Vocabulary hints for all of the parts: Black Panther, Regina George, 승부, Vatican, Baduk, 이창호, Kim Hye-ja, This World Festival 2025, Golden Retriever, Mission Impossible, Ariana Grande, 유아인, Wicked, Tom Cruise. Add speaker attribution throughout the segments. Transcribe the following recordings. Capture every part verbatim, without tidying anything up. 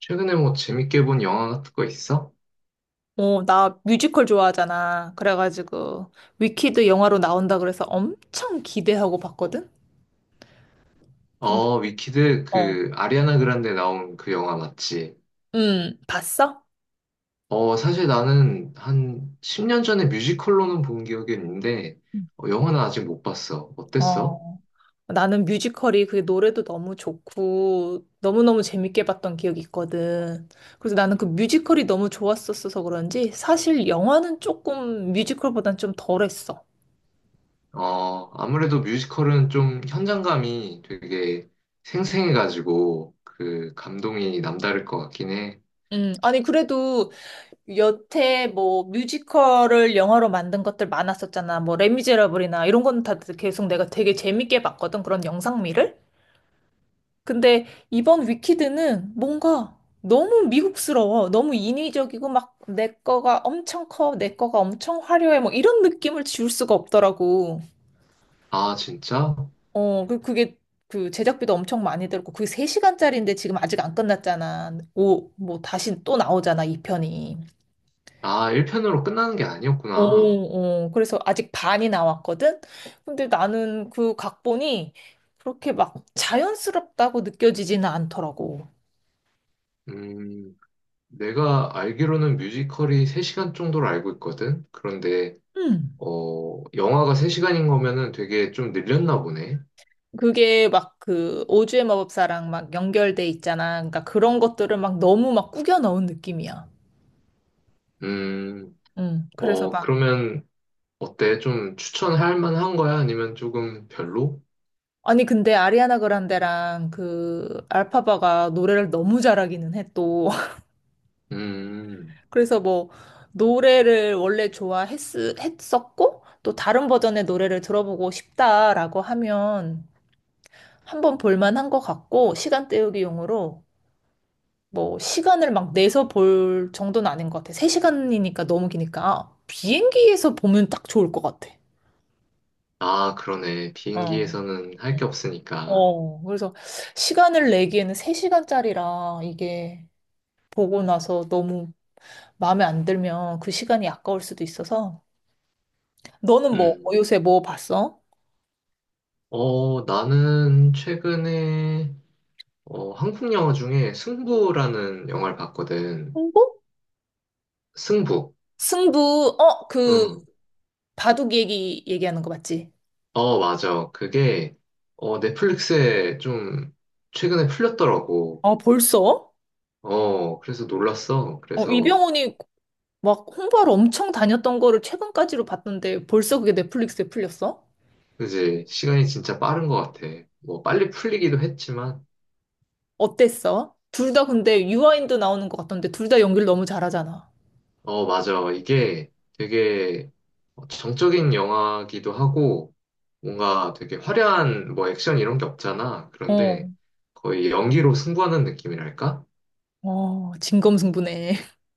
Speaker 1: 최근에 뭐 재밌게 본 영화 같은 거 있어?
Speaker 2: 어, 나 뮤지컬 좋아하잖아. 그래가지고, 위키드 영화로 나온다 그래서 엄청 기대하고 봤거든? 근데,
Speaker 1: 어, 위키드
Speaker 2: 어,
Speaker 1: 그 아리아나 그란데 나온 그 영화 맞지?
Speaker 2: 음, 봤어?
Speaker 1: 어, 사실 나는 한 십 년 전에 뮤지컬로는 본 기억이 있는데
Speaker 2: 음.
Speaker 1: 어, 영화는 아직 못 봤어. 어땠어?
Speaker 2: 어, 나는 뮤지컬이 그 노래도 너무 좋고, 너무너무 재밌게 봤던 기억이 있거든. 그래서 나는 그 뮤지컬이 너무 좋았었어서 그런지, 사실 영화는 조금 뮤지컬보단 좀 덜했어.
Speaker 1: 어, 아무래도 뮤지컬은 좀 현장감이 되게 생생해가지고 그 감동이 남다를 것 같긴 해.
Speaker 2: 음, 아니, 그래도 여태 뭐 뮤지컬을 영화로 만든 것들 많았었잖아. 뭐 레미제라블이나 이런 건 다 계속 내가 되게 재밌게 봤거든. 그런 영상미를. 근데 이번 위키드는 뭔가 너무 미국스러워. 너무 인위적이고 막 내 거가 엄청 커. 내 거가 엄청 화려해. 뭐 이런 느낌을 지울 수가 없더라고.
Speaker 1: 아, 진짜?
Speaker 2: 어, 그 그게 그 제작비도 엄청 많이 들고 었 그게 세 시간짜리인데 지금 아직 안 끝났잖아. 오, 뭐 다시 또 나오잖아, 이편이.
Speaker 1: 아, 일 편으로 끝나는 게 아니었구나.
Speaker 2: 오, 오. 그래서 아직 반이 나왔거든? 근데 나는 그 각본이 그렇게 막 자연스럽다고 느껴지지는 않더라고.
Speaker 1: 음. 내가 알기로는 뮤지컬이 세 시간 정도로 알고 있거든. 그런데
Speaker 2: 음.
Speaker 1: 어, 영화가 세 시간인 거면은 되게 좀 늘렸나 보네.
Speaker 2: 그게 막 그 오즈의 마법사랑 막 연결돼 있잖아. 그러니까 그런 것들을 막 너무 막 꾸겨 넣은 느낌이야.
Speaker 1: 음,
Speaker 2: 음. 그래서
Speaker 1: 어,
Speaker 2: 막
Speaker 1: 그러면 어때? 좀 추천할 만한 거야? 아니면 조금 별로?
Speaker 2: 아니 근데 아리아나 그란데랑 그 알파바가 노래를 너무 잘하기는 해 또.
Speaker 1: 음,
Speaker 2: 그래서 뭐 노래를 원래 좋아했었고 또 다른 버전의 노래를 들어보고 싶다라고 하면 한번 볼만한 것 같고 시간 때우기용으로 뭐 시간을 막 내서 볼 정도는 아닌 것 같아. 세 시간이니까 너무 기니까 아, 비행기에서 보면 딱 좋을 것 같아.
Speaker 1: 아, 그러네.
Speaker 2: 어.
Speaker 1: 비행기에서는 할
Speaker 2: 응.
Speaker 1: 게 없으니까.
Speaker 2: 어, 그래서 시간을 내기에는 세 시간짜리라 이게 보고 나서 너무 마음에 안 들면 그 시간이 아까울 수도 있어서. 너는 뭐 어,
Speaker 1: 음,
Speaker 2: 요새 뭐 봤어?
Speaker 1: 어, 나는 최근에 어, 한국 영화 중에 승부라는 영화를 봤거든.
Speaker 2: 승부?
Speaker 1: 승부.
Speaker 2: 승부, 어, 그,
Speaker 1: 응.
Speaker 2: 바둑 얘기, 얘기하는 거 맞지?
Speaker 1: 어, 맞아. 그게, 어, 넷플릭스에 좀 최근에 풀렸더라고.
Speaker 2: 아, 벌써?
Speaker 1: 어, 그래서 놀랐어.
Speaker 2: 어,
Speaker 1: 그래서,
Speaker 2: 이병헌이 막 홍보하러 엄청 다녔던 거를 최근까지로 봤던데 벌써 그게 넷플릭스에 풀렸어?
Speaker 1: 이제 시간이 진짜 빠른 것 같아. 뭐, 빨리 풀리기도 했지만,
Speaker 2: 어땠어? 둘 다 근데 유아인도 나오는 것 같던데 둘 다 연기를 너무 잘하잖아.
Speaker 1: 어, 맞아. 이게 되게 어, 정적인 영화기도 하고, 뭔가 되게 화려한 뭐 액션 이런 게 없잖아. 그런데
Speaker 2: 어,
Speaker 1: 거의 연기로 승부하는 느낌이랄까?
Speaker 2: 어, 진검승부네.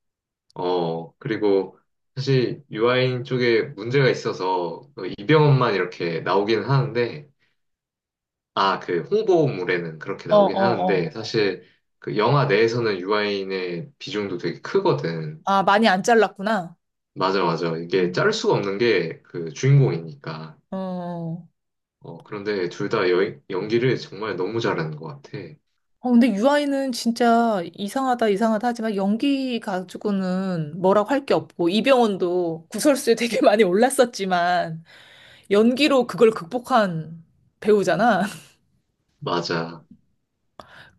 Speaker 1: 어, 그리고 사실 유아인 쪽에 문제가 있어서 그 이병헌만 이렇게 나오긴 하는데, 아, 그 홍보물에는 그렇게
Speaker 2: 어,
Speaker 1: 나오긴
Speaker 2: 어,
Speaker 1: 하는데,
Speaker 2: 어.
Speaker 1: 사실 그 영화 내에서는 유아인의 비중도 되게 크거든.
Speaker 2: 아, 많이 안 잘랐구나.
Speaker 1: 맞아, 맞아. 이게
Speaker 2: 음.
Speaker 1: 자를 수가 없는 게 그 주인공이니까.
Speaker 2: 어,
Speaker 1: 어, 그런데 둘 다 연기를 정말 너무 잘하는 것 같아.
Speaker 2: 어, 근데 유아인은 진짜 이상하다, 이상하다 하지만 연기 가지고는 뭐라고 할 게 없고, 이병헌도 구설수에 되게 많이 올랐었지만, 연기로 그걸 극복한 배우잖아.
Speaker 1: 맞아.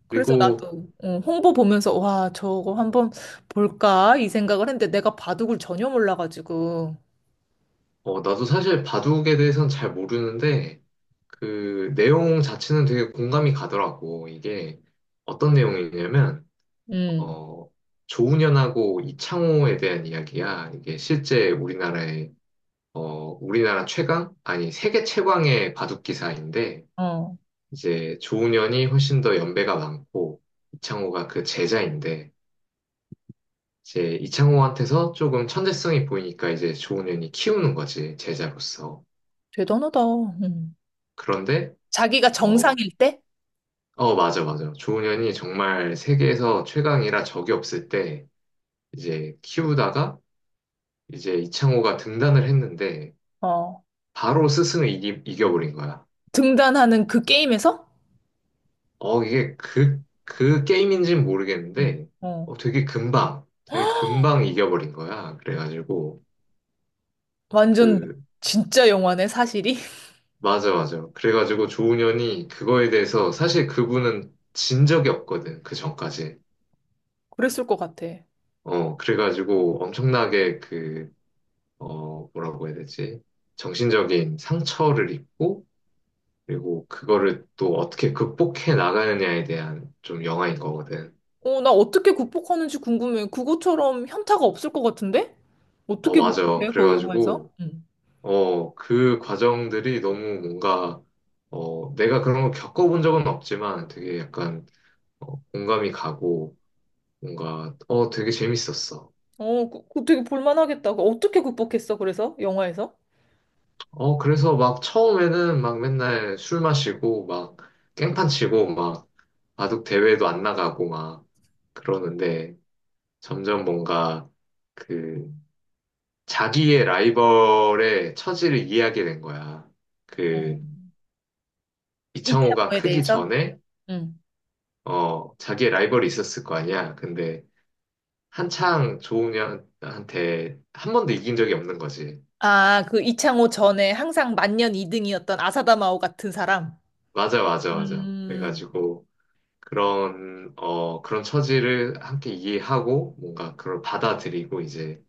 Speaker 2: 그래서
Speaker 1: 그리고
Speaker 2: 나도 어, 홍보 보면서, 와, 저거 한번 볼까? 이 생각을 했는데 내가 바둑을 전혀 몰라가지고,
Speaker 1: 어, 나도 사실 바둑에 대해서는 잘 모르는데, 그 내용 자체는 되게 공감이 가더라고. 이게 어떤 내용이냐면,
Speaker 2: 음,
Speaker 1: 어, 조훈현하고 이창호에 대한 이야기야. 이게 실제 우리나라의, 어, 우리나라 최강? 아니, 세계 최강의 바둑 기사인데,
Speaker 2: 어,
Speaker 1: 이제 조훈현이 훨씬 더 연배가 많고, 이창호가 그 제자인데, 이제 이창호한테서 조금 천재성이 보이니까 이제 조훈현이 키우는 거지, 제자로서.
Speaker 2: 대단하다. 음.
Speaker 1: 그런데,
Speaker 2: 자기가
Speaker 1: 어,
Speaker 2: 정상일 때,
Speaker 1: 어, 맞아, 맞아. 조훈현이 정말 세계에서 최강이라 적이 없을 때 이제 키우다가 이제 이창호가 등단을 했는데
Speaker 2: 어,
Speaker 1: 바로 스승을 이기, 이겨버린 거야.
Speaker 2: 등단하는 그 게임에서,
Speaker 1: 어, 이게 그, 그 게임인지는
Speaker 2: 음,
Speaker 1: 모르겠는데
Speaker 2: 어,
Speaker 1: 어, 되게 금방, 되게 금방 이겨버린 거야. 그래가지고
Speaker 2: 완전
Speaker 1: 그,
Speaker 2: 진짜 영화네, 사실이.
Speaker 1: 맞아, 맞아. 그래가지고 조훈현이 그거에 대해서 사실 그분은 진 적이 없거든. 그 전까지.
Speaker 2: 그랬을 것 같아.
Speaker 1: 어, 그래가지고 엄청나게 그 어, 뭐라고 해야 되지? 정신적인 상처를 입고, 그리고 그거를 또 어떻게 극복해 나가느냐에 대한 좀 영화인 거거든.
Speaker 2: 어, 나 어떻게 극복하는지 궁금해. 그거처럼 현타가 없을 것 같은데?
Speaker 1: 어,
Speaker 2: 어떻게
Speaker 1: 맞아.
Speaker 2: 극복해, 그 영화에서?
Speaker 1: 그래가지고,
Speaker 2: 응.
Speaker 1: 어, 그 과정들이 너무 뭔가, 어, 내가 그런 걸 겪어본 적은 없지만 되게 약간 어, 공감이 가고, 뭔가, 어, 되게 재밌었어.
Speaker 2: 어, 그, 그 되게 볼만하겠다. 그 어떻게 극복했어, 그래서? 영화에서?
Speaker 1: 어, 그래서 막 처음에는 막 맨날 술 마시고, 막 깽판 치고, 막 바둑 대회도 안 나가고, 막 그러는데, 점점 뭔가 그 자기의 라이벌의 처지를 이해하게 된 거야.
Speaker 2: 어,
Speaker 1: 그 이창호가
Speaker 2: 이창호에
Speaker 1: 크기
Speaker 2: 대해서?
Speaker 1: 전에
Speaker 2: 응.
Speaker 1: 어 자기의 라이벌이 있었을 거 아니야. 근데 한창 조은현한테 한 번도 이긴 적이 없는 거지.
Speaker 2: 아, 그 이창호 전에 항상 만년 이 등이었던 아사다마오 같은 사람?
Speaker 1: 맞아, 맞아, 맞아.
Speaker 2: 음.
Speaker 1: 그래가지고 그런 어 그런 처지를 함께 이해하고 뭔가 그걸 받아들이고 이제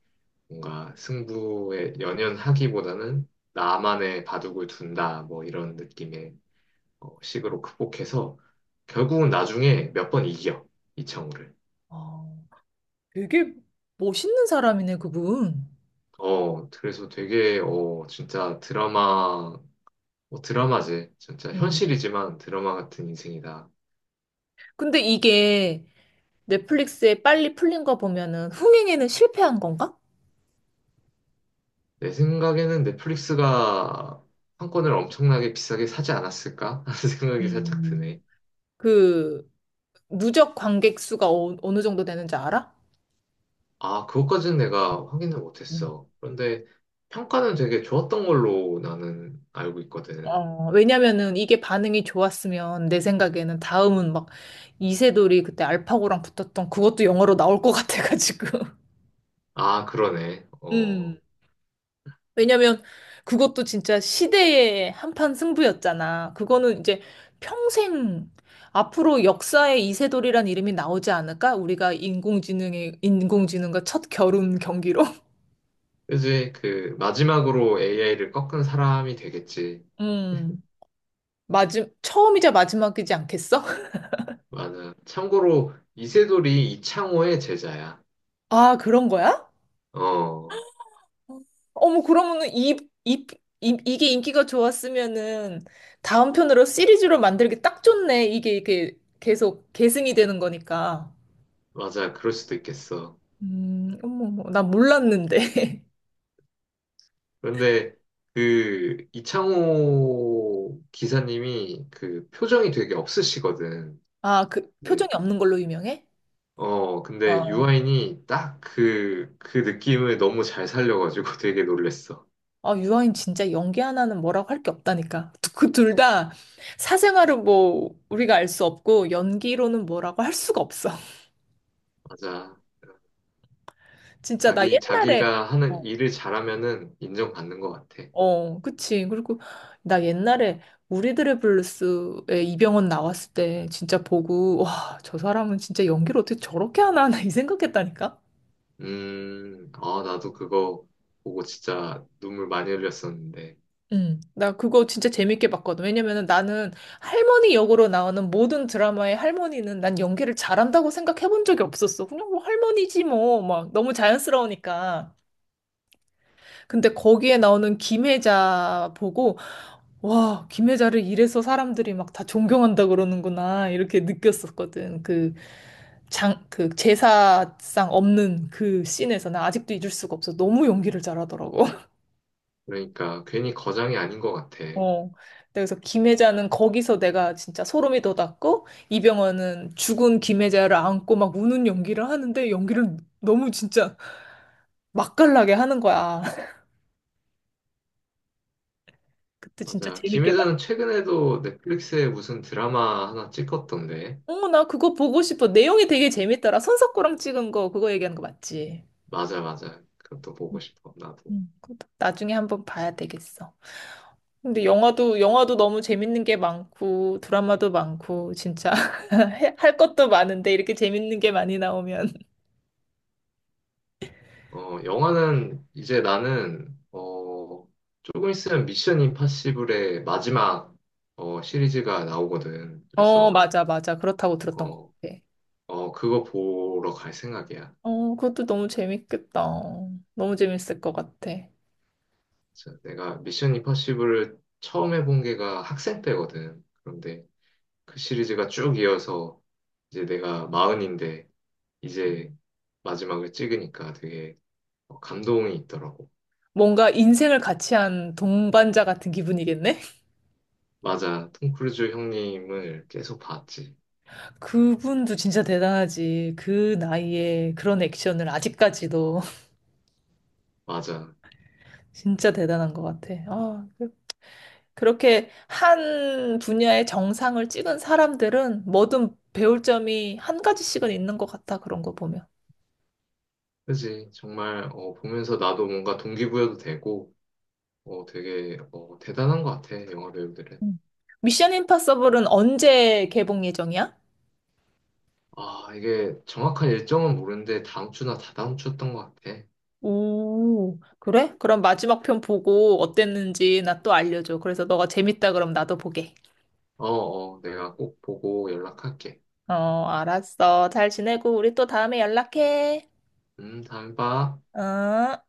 Speaker 1: 뭔가 승부에 연연하기보다는 나만의 바둑을 둔다 뭐 이런 느낌의 어, 식으로 극복해서 결국은 나중에 몇 번 이겨 이창호를.
Speaker 2: 어, 되게 멋있는 사람이네, 그분.
Speaker 1: 어 그래서 되게 어 진짜 드라마 뭐 드라마지 진짜
Speaker 2: 음.
Speaker 1: 현실이지만 드라마 같은 인생이다.
Speaker 2: 근데 이게 넷플릭스에 빨리 풀린 거 보면은 흥행에는 실패한 건가?
Speaker 1: 내 생각에는 넷플릭스가 판권을 엄청나게 비싸게 사지 않았을까 하는 생각이 살짝
Speaker 2: 음.
Speaker 1: 드네.
Speaker 2: 그 누적 관객 수가 어, 어느 정도 되는지 알아?
Speaker 1: 아 그것까지는 내가 확인을
Speaker 2: 음.
Speaker 1: 못했어. 그런데 평가는 되게 좋았던 걸로 나는 알고 있거든.
Speaker 2: 어, 왜냐면은 이게 반응이 좋았으면 내 생각에는 다음은 막 이세돌이 그때 알파고랑 붙었던 그것도 영화로 나올 것 같아가지고.
Speaker 1: 아 그러네. 어.
Speaker 2: 음. 왜냐면 그것도 진짜 시대의 한판 승부였잖아. 그거는 이제 평생 앞으로 역사에 이세돌이란 이름이 나오지 않을까? 우리가 인공지능의 인공지능과 첫 겨룬 경기로.
Speaker 1: 그지? 그 마지막으로 에이아이를 꺾은 사람이 되겠지.
Speaker 2: 음. 마지, 처음이자 마지막이지 않겠어?
Speaker 1: 맞아. 참고로 이세돌이 이창호의 제자야.
Speaker 2: 아, 그런 거야?
Speaker 1: 어,
Speaker 2: 어머, 그러면은 이, 이, 이, 이게 인기가 좋았으면은 다음 편으로 시리즈로 만들기 딱 좋네. 이게, 이게 계속 계승이 되는 거니까.
Speaker 1: 맞아. 그럴 수도 있겠어.
Speaker 2: 음, 어머, 어머, 나 몰랐는데.
Speaker 1: 그런데 그 이창호 기사님이 그 표정이 되게 없으시거든.
Speaker 2: 아, 그
Speaker 1: 네.
Speaker 2: 표정이 없는 걸로 유명해?
Speaker 1: 어, 근데
Speaker 2: 어.
Speaker 1: 유아인이 딱 그, 그 느낌을 너무 잘 살려가지고 되게 놀랬어.
Speaker 2: 아, 유아인 진짜 연기 하나는 뭐라고 할 게 없다니까. 그 둘 다 사생활은 뭐 우리가 알 수 없고 연기로는 뭐라고 할 수가 없어.
Speaker 1: 맞아.
Speaker 2: 진짜 나
Speaker 1: 자기,
Speaker 2: 옛날에
Speaker 1: 자기가
Speaker 2: 어,
Speaker 1: 하는 일을 잘하면은 인정받는 것 같아.
Speaker 2: 어, 그치. 그리고 나 옛날에 우리들의 블루스에 이병헌 나왔을 때 진짜 보고, 와, 저 사람은 진짜 연기를 어떻게 저렇게 하나, 나이 생각했다니까?
Speaker 1: 음, 아, 나도 그거 보고 진짜 눈물 많이 흘렸었는데.
Speaker 2: 응, 나 그거 진짜 재밌게 봤거든. 왜냐면은 나는 할머니 역으로 나오는 모든 드라마의 할머니는 난 연기를 잘한다고 생각해 본 적이 없었어. 그냥 뭐 할머니지 뭐, 막 너무 자연스러우니까. 근데 거기에 나오는 김혜자 보고, 와, 김혜자를 이래서 사람들이 막 다 존경한다 그러는구나, 이렇게 느꼈었거든. 그 장, 그 제사상 없는 그 씬에서 나 아직도 잊을 수가 없어. 너무 연기를 잘하더라고.
Speaker 1: 그러니까 괜히 거장이 아닌 것 같아.
Speaker 2: 어. 그래서 김혜자는 거기서 내가 진짜 소름이 돋았고, 이병헌은 죽은 김혜자를 안고 막 우는 연기를 하는데, 연기를 너무 진짜 맛깔나게 하는 거야. 그때 진짜
Speaker 1: 맞아. 김혜
Speaker 2: 재밌게
Speaker 1: 자는
Speaker 2: 봤는데.
Speaker 1: 최근에도 넷플릭스에 무슨 드라마 하나 찍었던데.
Speaker 2: 어, 나 그거 보고 싶어. 내용이 되게 재밌더라. 손석구랑 찍은 거, 그거 얘기하는 거 맞지?
Speaker 1: 맞아, 맞아. 그것도 보고 싶어, 나도.
Speaker 2: 음. 그것도 나중에 한번 봐야 되겠어. 근데 영화도, 영화도 너무 재밌는 게 많고, 드라마도 많고, 진짜. 해- 할 것도 많은데, 이렇게 재밌는 게 많이 나오면.
Speaker 1: 어, 영화는 이제 나는, 어, 조금 있으면 미션 임파시블의 마지막, 어, 시리즈가 나오거든.
Speaker 2: 어,
Speaker 1: 그래서,
Speaker 2: 맞아, 맞아. 그렇다고 들었던 것
Speaker 1: 어,
Speaker 2: 같아.
Speaker 1: 어, 그거 보러 갈 생각이야.
Speaker 2: 어, 그것도 너무 재밌겠다. 너무 재밌을 것 같아.
Speaker 1: 진짜 내가 미션 임파서블을 처음 해본 게가 학생 때거든. 그런데 그 시리즈가 쭉 이어서 이제 내가 마흔인데 이제 마지막을 찍으니까 되게 어, 감동이 있더라고.
Speaker 2: 뭔가 인생을 같이 한 동반자 같은 기분이겠네?
Speaker 1: 맞아. 톰 크루즈 형님을 계속 봤지.
Speaker 2: 그분도 진짜 대단하지. 그 나이에 그런 액션을 아직까지도
Speaker 1: 맞아.
Speaker 2: 진짜 대단한 것 같아. 아, 그- 그렇게 한 분야의 정상을 찍은 사람들은 뭐든 배울 점이 한 가지씩은 있는 것 같아. 그런 거 보면.
Speaker 1: 그지. 정말 어, 보면서 나도 뭔가 동기부여도 되고 어, 되게 어, 대단한 것 같아. 영화 배우들은.
Speaker 2: 음. 미션 임파서블은 언제 개봉 예정이야?
Speaker 1: 아, 이게 정확한 일정은 모르는데 다음 주나 다다음 주였던 것 같아.
Speaker 2: 오, 그래? 그럼 마지막 편 보고 어땠는지 나 또 알려줘. 그래서 너가 재밌다 그럼 나도 보게.
Speaker 1: 어, 어, 내가 꼭 보고 연락할게.
Speaker 2: 어, 알았어. 잘 지내고 우리 또 다음에 연락해.
Speaker 1: 음, 다음에 봐.
Speaker 2: 어?